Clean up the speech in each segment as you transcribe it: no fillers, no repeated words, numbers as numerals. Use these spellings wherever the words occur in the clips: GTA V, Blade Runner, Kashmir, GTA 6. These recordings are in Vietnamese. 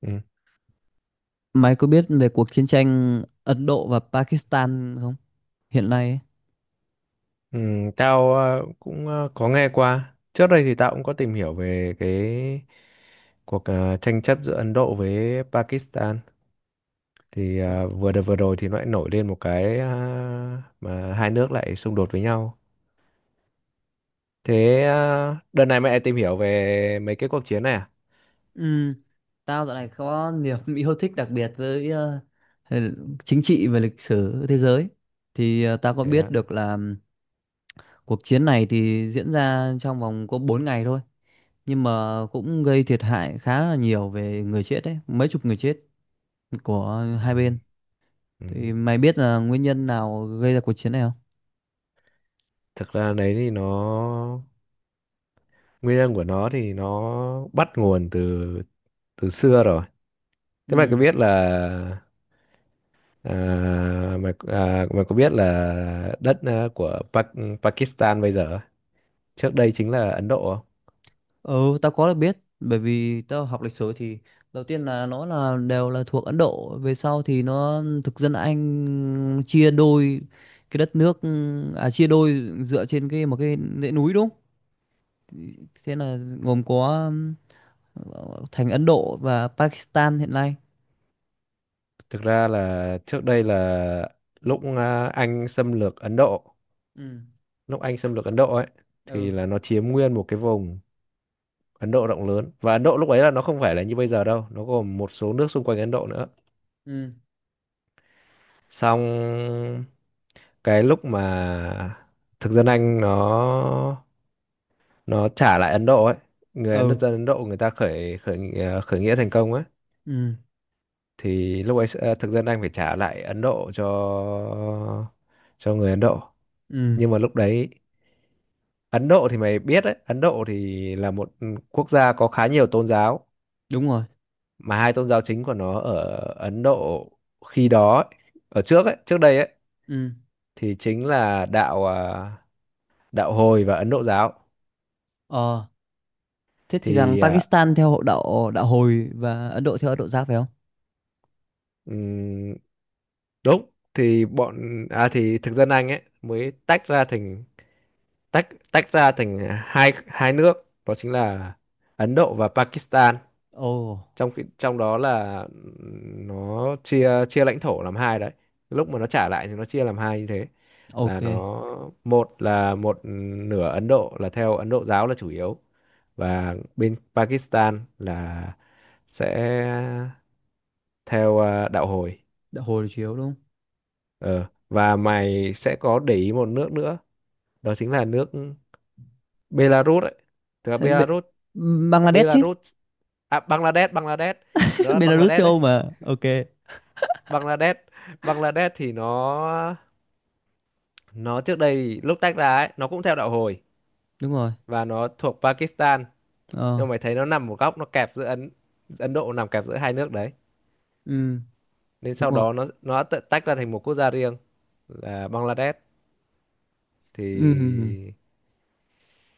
Ừ. Mày có biết về cuộc chiến tranh Ấn Độ và Pakistan không? Hiện nay ấy. Ừ, tao cũng có nghe qua. Trước đây thì tao cũng có tìm hiểu về cái cuộc tranh chấp giữa Ấn Độ với Pakistan. Ờ. Vừa đợt vừa rồi thì nó lại nổi lên một cái mà hai nước lại xung đột với nhau. Đợt này mày lại tìm hiểu về mấy cái cuộc chiến này à? Ừ, tao dạo này có niềm yêu thích đặc biệt với ờ, chính trị và lịch sử thế giới. Thì tao có Thế biết ạ. được là cuộc chiến này thì diễn ra trong vòng có 4 ngày thôi. Nhưng mà cũng gây thiệt hại khá là nhiều về người chết đấy, mấy chục người chết của Ừ. hai bên. Ừ. Thì mày biết là nguyên nhân nào gây ra cuộc chiến này không? Thực ra đấy thì nó nguyên nhân của nó thì nó bắt nguồn từ từ xưa rồi. Thế mày có Ừ. biết là à, mày có biết là đất của Pakistan bây giờ trước đây chính là Ấn Độ không? Ừ, tao có được biết bởi vì tao học lịch sử thì đầu tiên là nó là đều là thuộc Ấn Độ, về sau thì nó thực dân Anh chia đôi cái đất nước, à chia đôi dựa trên một cái dãy núi đúng không? Thế là gồm có thành Ấn Độ và Pakistan hiện nay. Thực ra là trước đây là lúc Anh xâm lược Ấn Độ, Ừ. lúc Anh xâm lược Ấn Độ ấy Ừ. thì là nó chiếm nguyên một cái vùng Ấn Độ rộng lớn, và Ấn Độ lúc ấy là nó không phải là như bây giờ đâu, nó gồm một số nước xung quanh Ấn Độ nữa. Ừ. Xong cái lúc mà thực dân Anh nó trả lại Ấn Độ ấy, người Ấn Ừ. dân Ấn Độ người ta khởi khởi nghị- à, khởi nghĩa thành công ấy, Ừ. thì lúc ấy thực dân Anh phải trả lại Ấn Độ cho người Ấn Độ. Ừ. Nhưng mà lúc đấy Ấn Độ thì mày biết đấy, Ấn Độ thì là một quốc gia có khá nhiều tôn giáo, Đúng rồi. mà hai tôn giáo chính của nó ở Ấn Độ khi đó ấy, ở trước ấy, trước đây ấy, Ừ. thì chính là đạo Hồi và Ấn Độ giáo. Ờ. Thế thì rằng thì à, Pakistan theo hộ đạo đạo hồi và Ấn Độ theo Ấn Độ giáo phải không? đúng, thì bọn à thì thực dân Anh ấy mới tách ra thành tách tách ra thành hai hai nước, đó chính là Ấn Độ và Pakistan. Ồ, Trong đó là nó chia chia lãnh thổ làm hai đấy, lúc mà nó trả lại thì nó chia làm hai như thế. Là ok. nó một là một nửa Ấn Độ là theo Ấn Độ giáo là chủ yếu, và bên Pakistan là sẽ theo đạo Hồi. Đã hồi chiếu đúng không? Ờ, và mày sẽ có để ý một nước nữa, đó chính là nước Belarus ấy. Thực ra Thế Belarus, Bangladesh chứ. Belarus, à Bangladesh, Bangladesh, đó là Belarus Bangladesh châu đấy. Âu mà, ok. Bangladesh, Bangladesh thì nó trước đây lúc tách ra ấy, nó cũng theo đạo Hồi Đúng rồi. và nó thuộc Pakistan. Ờ. Nhưng mà mày thấy nó nằm một góc, nó kẹp giữa Ấn Ấn Độ, nằm kẹp giữa hai nước đấy. Ừ. Nên Đúng sau rồi. đó nó tự tách ra thành một quốc gia riêng là Bangladesh. Ừ. thì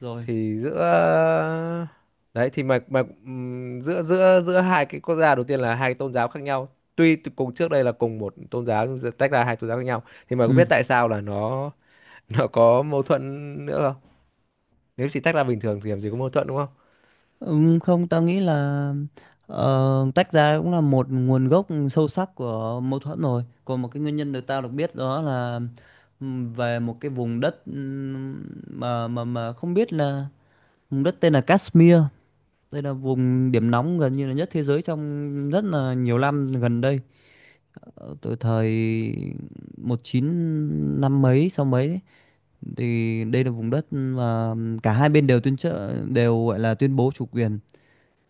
Rồi. thì giữa đấy thì mà giữa giữa giữa hai cái quốc gia đầu tiên là hai tôn giáo khác nhau, cùng trước đây là cùng một tôn giáo nhưng giờ tách ra hai tôn giáo khác nhau, thì mà có Ừ. biết tại sao là nó nó có mâu thuẫn nữa không? Nếu chỉ tách ra bình thường thì làm gì có mâu thuẫn đúng không? Không, tao nghĩ là ờ, tách ra cũng là một nguồn gốc sâu sắc của mâu thuẫn rồi, còn một cái nguyên nhân được tao được biết đó là, về một cái vùng đất, mà không biết là vùng đất tên là Kashmir. Đây là vùng điểm nóng gần như là nhất thế giới trong rất là nhiều năm gần đây. Ờ, từ thời một chín năm mấy sau mấy ấy, thì đây là vùng đất mà cả hai bên đều tuyên trợ đều gọi là tuyên bố chủ quyền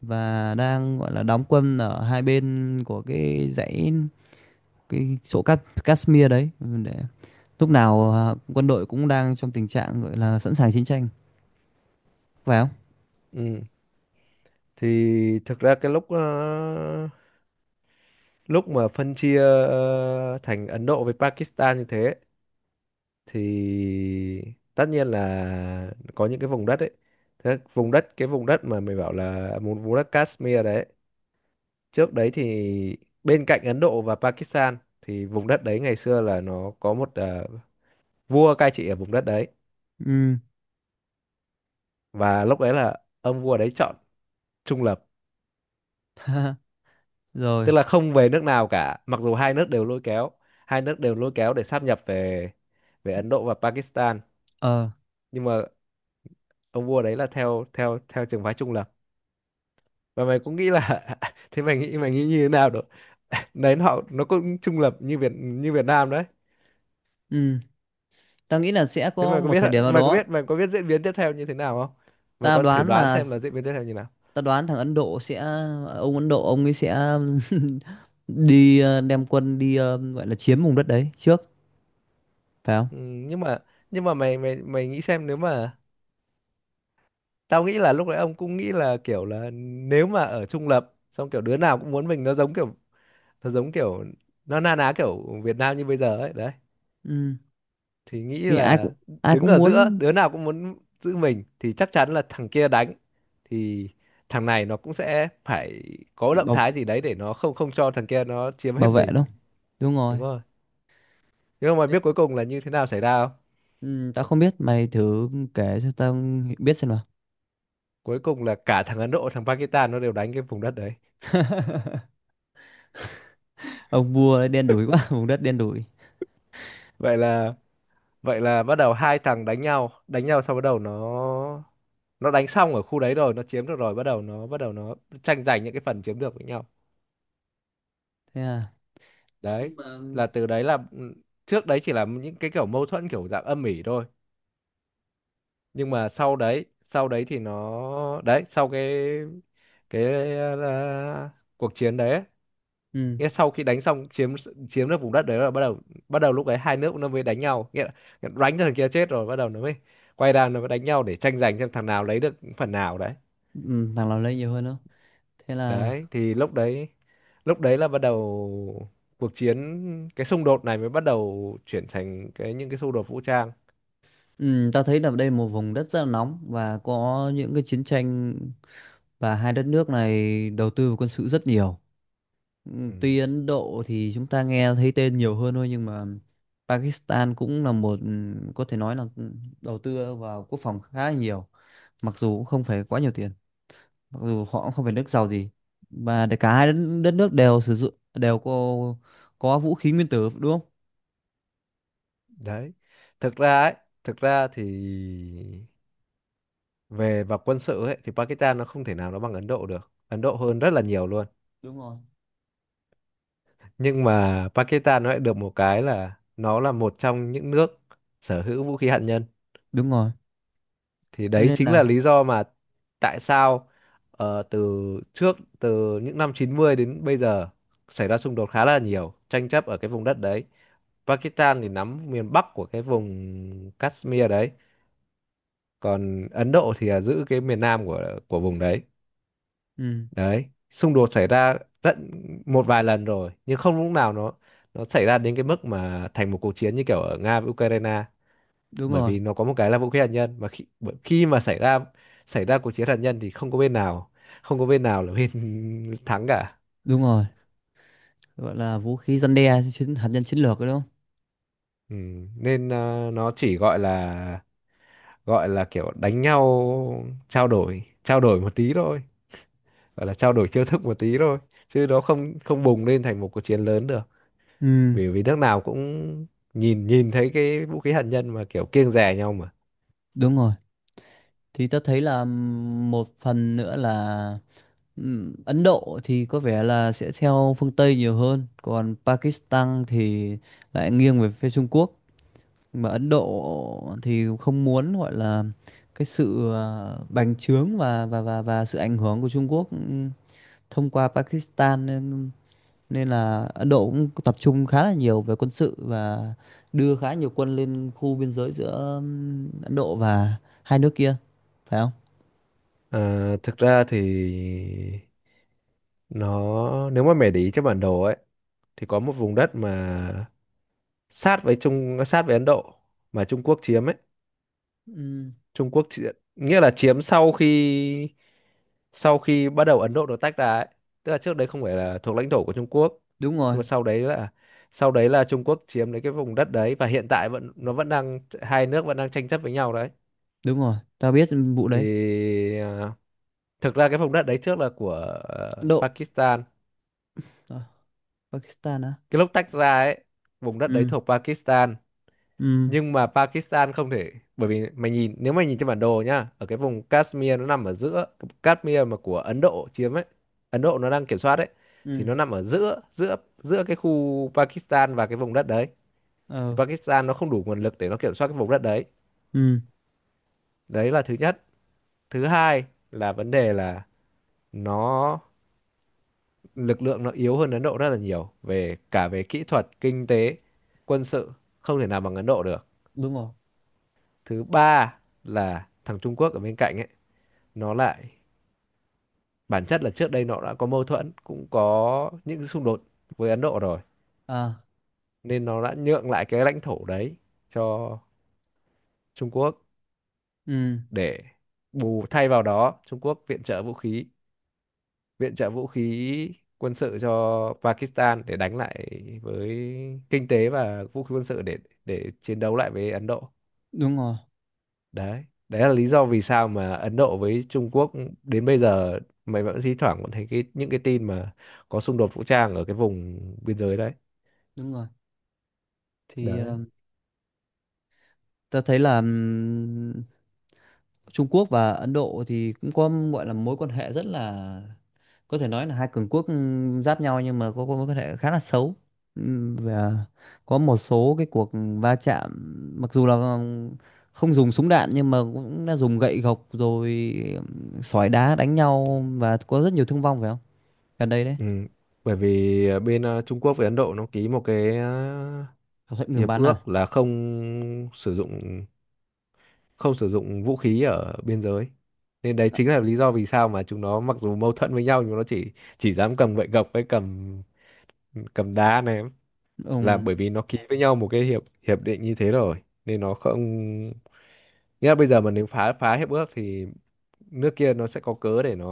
và đang gọi là đóng quân ở hai bên của cái dãy, cái chỗ Cát Kashmir đấy, để lúc nào quân đội cũng đang trong tình trạng gọi là sẵn sàng chiến tranh phải không? Ừ, thì thực ra cái lúc mà phân chia thành Ấn Độ với Pakistan như thế, thì tất nhiên là có những cái vùng đất ấy. Thế vùng đất, cái vùng đất mà mày bảo là vùng vùng đất Kashmir đấy, trước đấy thì bên cạnh Ấn Độ và Pakistan thì vùng đất đấy ngày xưa là nó có một vua cai trị ở vùng đất đấy. Ừ. Và lúc đấy là ông vua đấy chọn trung lập, Rồi. tức là không về nước nào cả, mặc dù hai nước đều lôi kéo, hai nước đều lôi kéo để sáp nhập về về Ấn Độ và Pakistan. Ờ. Nhưng mà ông vua đấy là theo theo theo trường phái trung lập. Và mày cũng nghĩ là thế mày nghĩ, mày nghĩ như thế nào được. Đấy, họ nó cũng trung lập như Việt Nam đấy. Ừ. Tao nghĩ là sẽ Thế có mày có một biết, thời điểm nào đó. Mày có biết diễn biến tiếp theo như thế nào không? Mày Tao có thử đoán đoán là, xem là diễn biến tiếp theo như nào? ta đoán thằng Ấn Độ sẽ, ông Ấn Độ ông ấy sẽ đem quân gọi là chiếm vùng đất đấy trước phải không? Ừ, nhưng mà mày mày mày nghĩ xem nếu mà tao nghĩ là lúc đấy ông cũng nghĩ là kiểu là nếu mà ở trung lập xong kiểu đứa nào cũng muốn mình, nó giống kiểu, nó giống kiểu nó na ná kiểu Việt Nam như bây giờ ấy đấy. Ừ. Thì nghĩ Thì là ai đứng cũng ở giữa, muốn, đứa nào cũng muốn giữ mình, thì chắc chắn là thằng kia đánh, thì thằng này nó cũng sẽ phải có động bảo thái gì đấy để nó không không cho thằng kia nó chiếm bảo hết vệ mình. đâu, đúng rồi. Đúng rồi. Nhưng mà mày Thế- biết cuối cùng là như thế nào xảy ra không? ừ, tao không biết, mày thử kể cho tao biết xem nào. Cuối cùng là cả thằng Ấn Độ, thằng Pakistan nó đều đánh cái vùng đất đấy. Ông vua ấy đen đủi quá. Vùng đất đen đủi. Vậy là, vậy là bắt đầu hai thằng đánh nhau, đánh nhau sau bắt đầu nó đánh xong ở khu đấy rồi nó chiếm được rồi bắt đầu nó, tranh giành những cái phần chiếm được với nhau Thế à? đấy. Nhưng mà, Là từ đấy là ừ, trước đấy chỉ là những cái kiểu mâu thuẫn kiểu dạng âm ỉ thôi, nhưng mà sau đấy, thì nó đấy, sau cái cái ờ, cuộc chiến đấy ấy, ừ, nghĩa sau khi đánh xong chiếm chiếm được vùng đất đấy là bắt đầu, bắt đầu lúc ấy hai nước nó mới đánh nhau, nghĩa là đánh cho thằng kia chết rồi bắt đầu nó mới quay ra nó mới đánh nhau để tranh giành xem thằng nào lấy được phần nào đấy. ừ, thằng nào lấy nhiều hơn đâu, thế là. Đấy thì lúc đấy, là bắt đầu cuộc chiến, cái xung đột này mới bắt đầu chuyển thành cái những cái xung đột vũ trang. Ừ, ta thấy là đây là một vùng đất rất là nóng và có những cái chiến tranh, và hai đất nước này đầu tư vào quân sự rất nhiều. Ừ. Ừ, Tuy Ấn Độ thì chúng ta nghe thấy tên nhiều hơn thôi nhưng mà Pakistan cũng là một, có thể nói là, đầu tư vào quốc phòng khá là nhiều, mặc dù cũng không phải quá nhiều tiền, mặc dù họ cũng không phải nước giàu gì, và để cả hai đất nước đều sử dụng đều có vũ khí nguyên tử đúng không? đấy, thực ra ấy, thực ra thì về mặt quân sự ấy thì Pakistan nó không thể nào nó bằng Ấn Độ được, Ấn Độ hơn rất là nhiều luôn. Đúng rồi. Nhưng mà Pakistan nó lại được một cái là nó là một trong những nước sở hữu vũ khí hạt nhân. Đúng rồi. Thì Thế đấy nên chính là là, lý do mà tại sao từ trước từ những năm 90 đến bây giờ xảy ra xung đột khá là nhiều, tranh chấp ở cái vùng đất đấy. Pakistan thì nắm miền Bắc của cái vùng Kashmir đấy, còn Ấn Độ thì là giữ cái miền Nam của vùng đấy. ừ, Đấy, xung đột xảy ra tận một vài lần rồi nhưng không lúc nào nó xảy ra đến cái mức mà thành một cuộc chiến như kiểu ở Nga với Ukraine, đúng bởi rồi, vì nó có một cái là vũ khí hạt nhân. Mà khi mà xảy ra, cuộc chiến hạt nhân thì không có bên nào, là bên thắng cả. đúng rồi. Gọi là vũ khí răn đe chiến, hạt nhân chiến lược đấy đúng không? Ừ. Nên nó chỉ gọi là, gọi là kiểu đánh nhau, trao đổi, một tí thôi, gọi là trao đổi chiêu thức một tí thôi, chứ nó không không bùng lên thành một cuộc chiến lớn được. Ừ. Vì vì nước nào cũng nhìn, thấy cái vũ khí hạt nhân mà kiểu kiêng dè nhau mà. Đúng rồi. Thì ta thấy là, một phần nữa là, Ấn Độ thì có vẻ là sẽ theo phương Tây nhiều hơn, còn Pakistan thì lại nghiêng về phía Trung Quốc. Mà Ấn Độ thì không muốn gọi là cái sự bành trướng và sự ảnh hưởng của Trung Quốc, thông qua Pakistan, nên nên là Ấn Độ cũng tập trung khá là nhiều về quân sự và đưa khá nhiều quân lên khu biên giới giữa, Ấn Độ và hai nước kia phải không? À, thực ra thì nó, nếu mà mày để ý trên bản đồ ấy thì có một vùng đất mà sát với sát với Ấn Độ mà Trung Quốc chiếm ấy, Ừm, Trung Quốc chỉ, nghĩa là chiếm sau khi, bắt đầu Ấn Độ được tách ra ấy. Tức là trước đấy không phải là thuộc lãnh thổ của Trung Quốc, đúng rồi, nhưng mà sau đấy là, Trung Quốc chiếm lấy cái vùng đất đấy, và hiện tại vẫn, nó vẫn đang, hai nước vẫn đang tranh chấp với nhau đấy. đúng rồi, tao biết vụ Thì đấy. à, thực ra cái vùng đất đấy trước là của Ấn Độ, Pakistan. à, Pakistan á. Cái lúc tách ra ấy, vùng đất đấy Ừ, thuộc Pakistan. ừ, Nhưng mà Pakistan không thể, bởi vì mày nhìn, nếu mày nhìn trên bản đồ nhá, ở cái vùng Kashmir nó nằm ở giữa, Kashmir mà của Ấn Độ chiếm ấy, Ấn Độ nó đang kiểm soát ấy, thì ừ, nó nằm ở giữa, giữa cái khu Pakistan và cái vùng đất đấy. Thì ờ, Pakistan nó không đủ nguồn lực để nó kiểm soát cái vùng đất đấy. ừ, Đấy là thứ nhất. Thứ hai là vấn đề là nó, lực lượng nó yếu hơn Ấn Độ rất là nhiều, về cả về kỹ thuật, kinh tế, quân sự, không thể nào bằng Ấn Độ được. đúng rồi. Thứ ba là thằng Trung Quốc ở bên cạnh ấy, nó lại bản chất là trước đây nó đã có mâu thuẫn, cũng có những xung đột với Ấn Độ rồi, À, nên nó đã nhượng lại cái lãnh thổ đấy cho Trung Quốc, ừ, để bù thay vào đó Trung Quốc viện trợ vũ khí, viện trợ vũ khí quân sự cho Pakistan để đánh lại với, kinh tế và vũ khí quân sự để chiến đấu lại với Ấn Độ. đúng rồi, Đấy, đấy là lý do vì sao mà Ấn Độ với Trung Quốc đến bây giờ mày vẫn thi thoảng vẫn thấy cái những cái tin mà có xung đột vũ trang ở cái vùng biên giới đấy. đúng rồi. Thì Đấy. Ta thấy là, Trung Quốc và Ấn Độ thì cũng có gọi là mối quan hệ rất là, có thể nói là hai cường quốc, giáp nhau, nhưng mà có mối quan hệ khá là xấu. Và có một số cái cuộc va chạm, mặc dù là không dùng súng đạn nhưng mà cũng đã dùng gậy gộc rồi, sỏi đá đánh nhau và có rất nhiều thương vong phải không, gần đây đấy. Ừ, bởi vì bên Trung Quốc với Ấn Độ nó ký một cái Thỏa thuận ngừng hiệp bắn à? ước là không sử dụng, vũ khí ở biên giới. Nên đấy Ờ, chính là lý do vì sao mà chúng nó mặc dù mâu thuẫn với nhau nhưng nó chỉ dám cầm gậy gộc với cầm, đá này, ủng là bởi vì nó ký với nhau một cái hiệp hiệp định như thế rồi. Nên nó không, nghĩa là bây giờ mà nếu phá, hiệp ước thì nước kia nó sẽ có cớ để nó,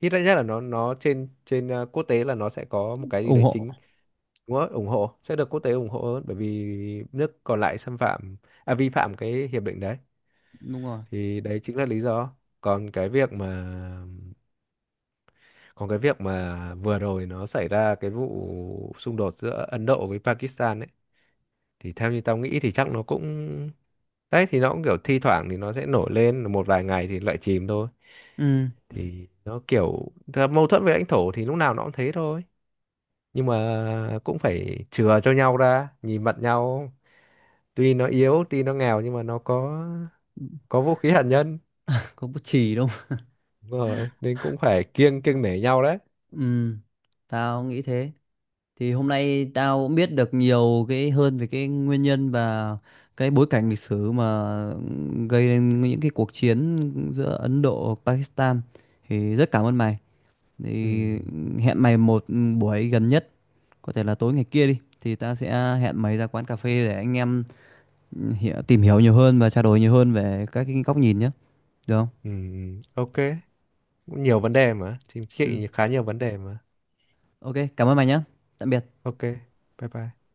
ít nhất là nó trên, quốc tế là nó sẽ có một cái gì ủng đấy hộ. chính. Đúng rồi, ủng hộ, sẽ được quốc tế ủng hộ hơn, bởi vì nước còn lại xâm phạm, à, vi phạm cái hiệp định đấy. Đúng rồi. Thì đấy chính là lý do. Còn cái việc mà, vừa rồi nó xảy ra cái vụ xung đột giữa Ấn Độ với Pakistan ấy, thì theo như tao nghĩ thì chắc nó cũng, đấy thì nó cũng kiểu thi thoảng thì nó sẽ nổi lên một vài ngày thì lại chìm thôi. Ừ, Thì nó kiểu thật, mâu thuẫn về lãnh thổ thì lúc nào nó cũng thế thôi, nhưng mà cũng phải chừa cho nhau ra nhìn mặt nhau, tuy nó yếu tuy nó nghèo nhưng mà nó có vũ khí hạt nhân. có bút chì đâu. Đúng rồi, nên cũng phải kiêng, nể nhau đấy. Ừ, tao nghĩ thế. Thì hôm nay tao cũng biết được nhiều cái hơn về cái nguyên nhân và cái bối cảnh lịch sử mà gây nên những cái cuộc chiến giữa Ấn Độ và Pakistan. Thì rất cảm ơn mày. Thì Ừ. hẹn mày một buổi gần nhất, có thể là tối ngày kia đi. Thì ta sẽ hẹn mày ra quán cà phê để anh em hiểu, tìm hiểu nhiều hơn và trao đổi nhiều hơn về các cái góc nhìn nhé. Được không? Ừ. OK, cũng nhiều vấn đề mà, chính Ừ. trị khá nhiều vấn đề mà. Ok, cảm ơn mày nhé. Tạm biệt. OK, bye bye.